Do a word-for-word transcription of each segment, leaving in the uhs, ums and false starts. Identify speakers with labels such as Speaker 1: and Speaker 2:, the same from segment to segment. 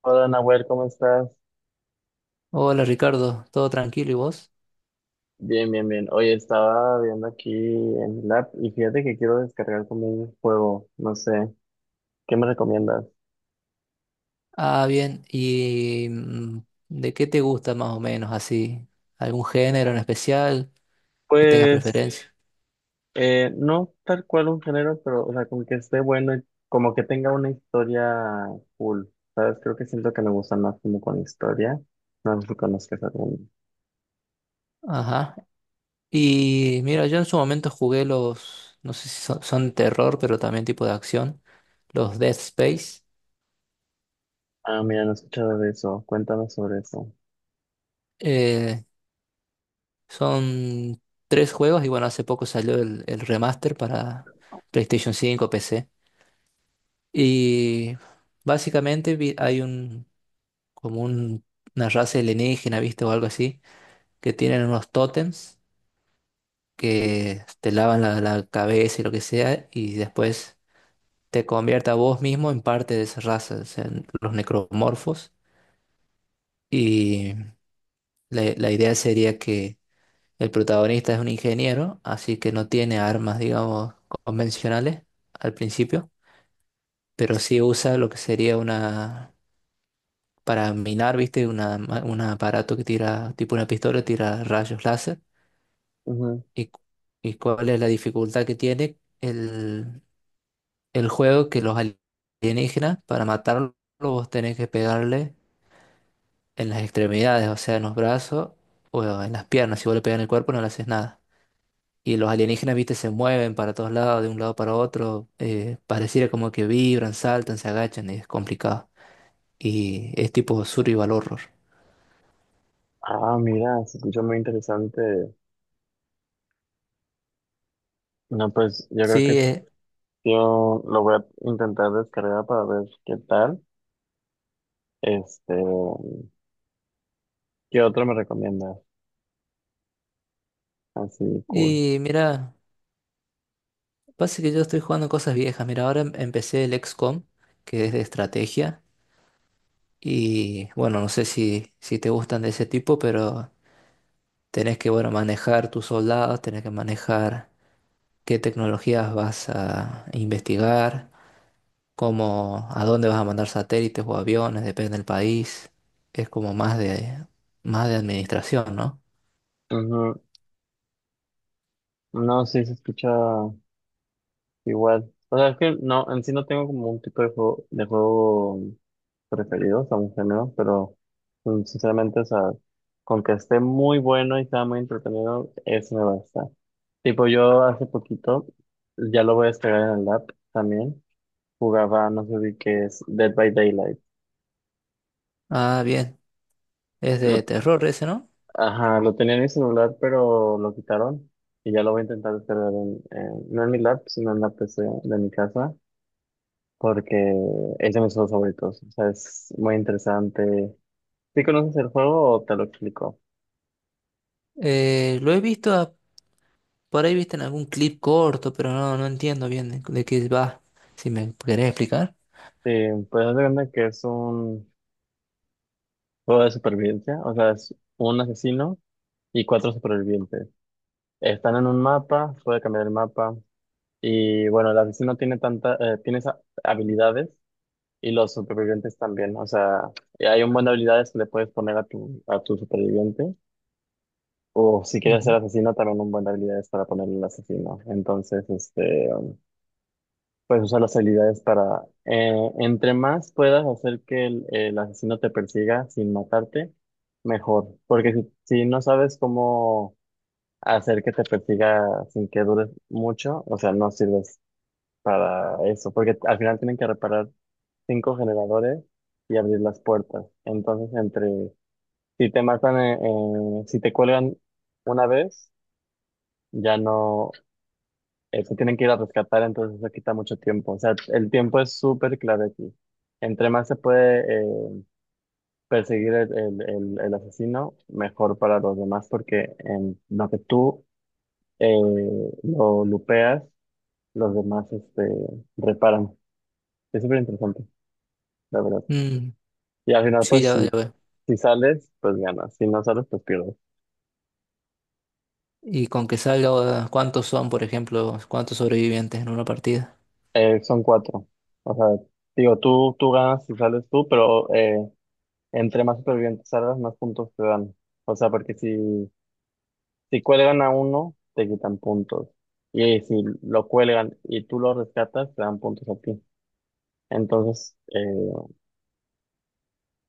Speaker 1: Hola Nahuel, ¿cómo estás?
Speaker 2: Hola Ricardo, ¿todo tranquilo y vos?
Speaker 1: Bien, bien, bien. Oye, estaba viendo aquí en el app y fíjate que quiero descargar como un juego, no sé, ¿qué me recomiendas?
Speaker 2: Ah, bien, ¿y mm, de qué te gusta más o menos así? ¿Algún género en especial que tengas
Speaker 1: Pues,
Speaker 2: preferencia?
Speaker 1: eh, no tal cual un género, pero, o sea, como que esté bueno y como que tenga una historia cool, ¿sabes? Creo que siento que me gusta más como con historia. No sé si conozcas alguno.
Speaker 2: Ajá. Y mira, yo en su momento jugué los, no sé si son, son de terror, pero también tipo de acción, los Dead Space.
Speaker 1: Ah, mira, no he escuchado de eso. Cuéntame sobre eso.
Speaker 2: Eh, Son tres juegos y bueno, hace poco salió el, el remaster para PlayStation cinco, P C. Y básicamente vi- hay un, como un- una raza alienígena, ¿viste? O algo así, que tienen unos tótems que te lavan la, la cabeza y lo que sea, y después te convierte a vos mismo en parte de esa raza, o sea, en los necromorfos. Y la, la idea sería que el protagonista es un ingeniero, así que no tiene armas, digamos, convencionales al principio, pero sí usa lo que sería una... Para minar, ¿viste? Una, ma- un aparato que tira, tipo una pistola, tira rayos láser.
Speaker 1: Ujú.
Speaker 2: ¿Y, cu- y cuál es la dificultad que tiene el, el juego? Que los alienígenas, para matarlos, vos tenés que pegarle en las extremidades, o sea, en los brazos o en las piernas. Si vos le pegas en el cuerpo, no le haces nada. Y los alienígenas, viste, se mueven para todos lados, de un lado para otro. Eh, pareciera como que vibran, saltan, se agachan, y es complicado. Y es tipo survival horror.
Speaker 1: Ah, mira, se escucha muy interesante. No, pues yo creo que
Speaker 2: Sí, eh,
Speaker 1: yo lo voy a intentar descargar para ver qué tal. Este, ¿Qué otro me recomiendas? Así, cool.
Speaker 2: y mira, pasa que yo estoy jugando cosas viejas. Mira, ahora em- empecé el equis com, que es de estrategia. Y bueno, no sé si, si te gustan de ese tipo, pero tenés que, bueno, manejar tus soldados, tenés que manejar qué tecnologías vas a investigar, cómo, a dónde vas a mandar satélites o aviones, depende del país. Es como más de, más de administración, ¿no?
Speaker 1: Ujú. No, sí se escucha igual. O sea, es que no, en sí no tengo como un tipo de juego, de juego preferido, o sea, un género, pero mm, sinceramente, o sea, con que esté muy bueno y sea muy entretenido, eso me basta. Tipo, yo hace poquito, ya lo voy a descargar en el app también, jugaba, no sé si que es Dead by Daylight.
Speaker 2: Ah, bien. Es de
Speaker 1: Lo-
Speaker 2: terror ese, ¿no?
Speaker 1: Ajá, lo tenía en mi celular, pero lo quitaron y ya lo voy a intentar descargar en, en- no en mi lap, sino en la P C de mi casa, porque es de mis juegos favoritos. O sea, es muy interesante. ¿Sí conoces el juego o te lo explico?
Speaker 2: Eh, lo he visto, a- por ahí viste en algún clip corto, pero no, no entiendo bien de, de qué va. Si me querés explicar.
Speaker 1: Sí, pues haz de cuenta que es un juego de supervivencia, o sea, es un asesino y cuatro supervivientes. Están en un mapa, puede cambiar el mapa y bueno, el asesino tiene tanta, eh, tiene esas habilidades. Y los supervivientes también, o sea, y hay un buen de habilidades que le puedes poner a tu, a tu superviviente. O si quieres ser
Speaker 2: Ujú.
Speaker 1: asesino, también un buen de habilidades para ponerle al asesino. Entonces, este, puedes usar las habilidades para, eh, entre más puedas hacer que el, el asesino te persiga sin matarte, mejor. Porque si, si no sabes cómo hacer que te persiga sin que dures mucho, o sea, no sirves para eso. Porque al final tienen que reparar cinco generadores y abrir las puertas. Entonces, entre, si te matan, eh, eh, si te cuelgan una vez, ya no, eh, se tienen que ir a rescatar, entonces eso quita mucho tiempo. O sea, el tiempo es súper clave aquí. Entre más se puede eh, perseguir el, el- el- el asesino, mejor para los demás, porque en lo que tú eh, lo lupeas, los demás este, reparan. Es súper interesante, la verdad.
Speaker 2: Mm,
Speaker 1: Y al final,
Speaker 2: sí,
Speaker 1: pues
Speaker 2: ya, ya
Speaker 1: si,
Speaker 2: veo.
Speaker 1: si sales, pues ganas. Si no sales, pues pierdes.
Speaker 2: Y con que salga, ¿cuántos son, por ejemplo, cuántos sobrevivientes en una partida?
Speaker 1: Eh, son cuatro. O sea, digo, tú, tú ganas si sales tú, pero eh, entre más supervivientes salgas, más puntos te dan. O sea, porque si, si cuelgan a uno, te quitan puntos. Y si lo cuelgan y tú lo rescatas, te dan puntos a ti. Entonces, eh,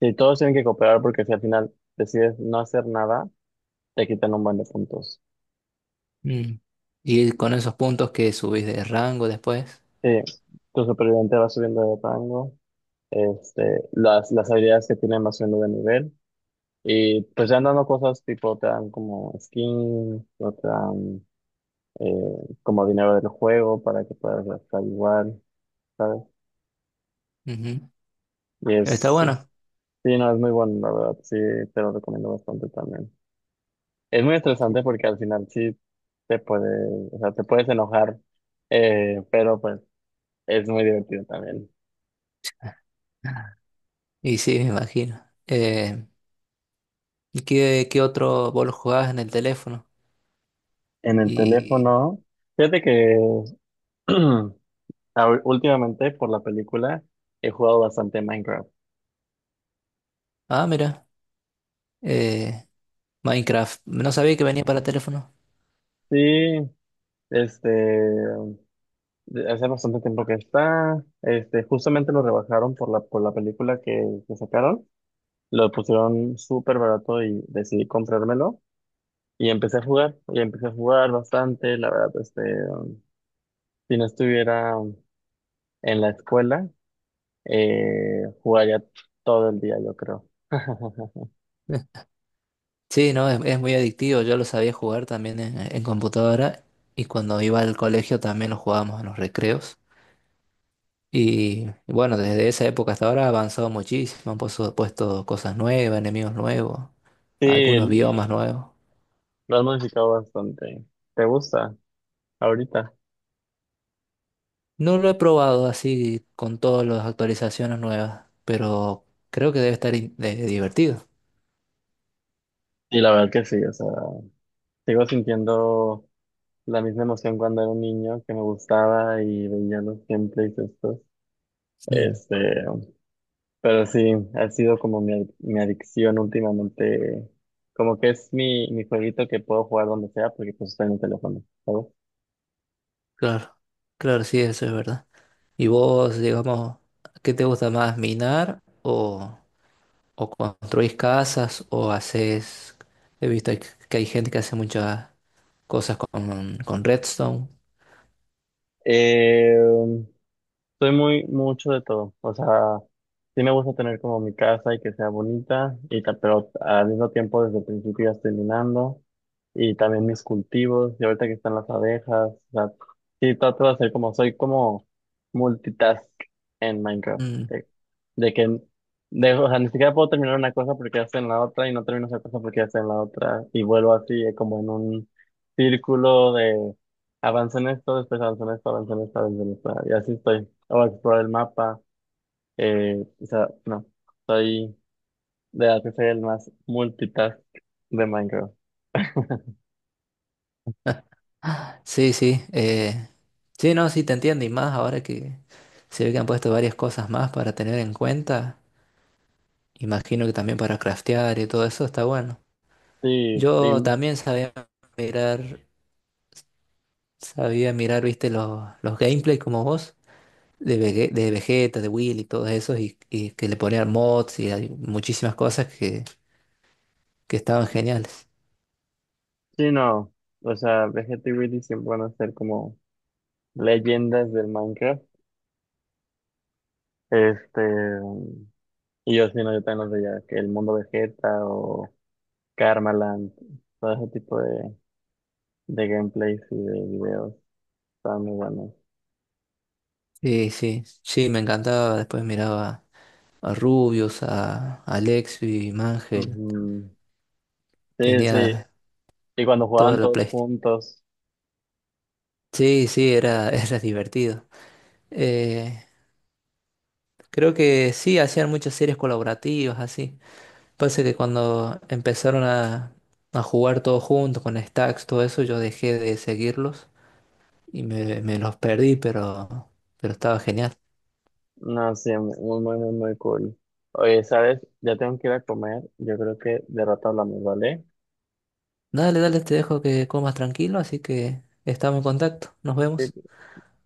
Speaker 1: si todos tienen que cooperar, porque si al final decides no hacer nada, te quitan un buen de puntos.
Speaker 2: Mm. Y con esos puntos que subís de rango después.
Speaker 1: Sí, tu superviviente va subiendo de rango. este, las, las habilidades que tienen más subiendo de nivel. Y pues ya andando cosas tipo, te dan como skin, o te dan eh, como dinero del juego para que puedas gastar igual, ¿sabes?
Speaker 2: Ujú.
Speaker 1: Y
Speaker 2: Está
Speaker 1: es,
Speaker 2: bueno.
Speaker 1: sí, no, es muy bueno, la verdad, sí, te lo recomiendo bastante también. Es muy
Speaker 2: Sí.
Speaker 1: estresante porque al final sí te puedes, o sea, te puedes enojar, eh, pero pues es muy divertido también.
Speaker 2: Y sí, me imagino. Eh, ¿Y qué, qué otro vos lo jugabas en el teléfono?
Speaker 1: En el
Speaker 2: Y.
Speaker 1: teléfono, fíjate que. Ah, últimamente, por la película, he jugado bastante Minecraft.
Speaker 2: Ah, mira. eh, Minecraft. No sabía que venía para teléfono.
Speaker 1: Sí, este, de- hace bastante tiempo que está. Este, justamente lo rebajaron por la, por la película que, que sacaron. Lo pusieron súper barato y decidí comprármelo. Y empecé a jugar, y empecé a jugar bastante. La verdad, este, um, si no estuviera en la escuela, eh, jugaría todo el día, yo creo.
Speaker 2: Eh, Sí, no, es, es muy adictivo. Yo lo sabía jugar también en, en computadora. Y cuando iba al colegio también lo jugábamos en los recreos. Y bueno, desde esa época hasta ahora ha avanzado muchísimo, han puesto, puesto cosas nuevas, enemigos nuevos, algunos
Speaker 1: Sí,
Speaker 2: biomas nuevos.
Speaker 1: lo han modificado bastante. ¿Te gusta ahorita?
Speaker 2: No lo he probado así con todas las actualizaciones nuevas, pero creo que debe estar in- de- divertido.
Speaker 1: Y la verdad que sí, o sea, sigo sintiendo la misma emoción cuando era un niño que me gustaba y veía los gameplays estos.
Speaker 2: Mm,
Speaker 1: Este, pero sí, ha sido como mi, adic- mi adicción últimamente. Como que es mi, mi jueguito que puedo jugar donde sea porque pues está en el teléfono, ¿sabes?
Speaker 2: claro, claro, sí, eso es verdad. ¿Y vos, digamos, qué te gusta más, minar o, o construís casas o haces... He visto que que hay gente que hace muchas cosas con, con redstone.
Speaker 1: Eh, Soy muy mucho de todo, o sea, sí me gusta tener como mi casa y que sea bonita, y ta- pero al mismo tiempo desde el principio ya estoy minando, y también mis cultivos, y ahorita que están las abejas, o sea, sí trato de hacer como, soy como multitask en Minecraft, de, de que, de, o sea, ni siquiera puedo terminar una cosa porque ya estoy en la otra, y no termino esa cosa porque ya estoy en la otra, y vuelvo así eh, como en un círculo. Avancé en esto, después avancé en esto, avancé en esto, avancé en esto. Y así estoy. Voy a explorar el mapa. Eh, o sea, no. Soy de las que soy el más multitask de Minecraft.
Speaker 2: Sí, sí. eh, sí, no, sí te entiendo. Y más ahora que se ve que han puesto varias cosas más para tener en cuenta. Imagino que también para craftear y todo eso está bueno.
Speaker 1: Sí,
Speaker 2: Yo
Speaker 1: y,
Speaker 2: también sabía mirar, sabía mirar, viste, los, los gameplays como vos, de, Vege- de Vegeta, de Will y todos esos, y, y que le ponían mods y hay muchísimas cosas que, que estaban geniales.
Speaker 1: sí, no. O sea, Vegeta y Willy siempre van a ser como leyendas del Minecraft. Este, y yo sí, no, yo también los veía, que el mundo Vegeta o Karmaland, todo ese tipo de, de, gameplays y de videos, están muy buenos.
Speaker 2: Sí, sí, sí, me encantaba. Después miraba a Rubius, a, a Lexi, Mangel.
Speaker 1: Ujú. Sí, sí.
Speaker 2: Tenía.
Speaker 1: Y cuando
Speaker 2: Toda
Speaker 1: jugaban
Speaker 2: la
Speaker 1: todos
Speaker 2: Playstation.
Speaker 1: juntos,
Speaker 2: Sí, sí, era, era divertido. Eh, Creo que sí, hacían muchas series colaborativas, así. Pasa que cuando empezaron a, a jugar todos juntos con Stacks, todo eso, yo dejé de seguirlos y me, me los perdí, pero, pero estaba genial.
Speaker 1: no, sí, muy, muy, muy, muy cool. Oye, ¿sabes? Ya tengo que ir a comer. Yo creo que de rato hablamos, ¿vale?
Speaker 2: Dale, dale, te dejo que comas tranquilo, así que estamos en contacto. Nos vemos.
Speaker 1: Sí,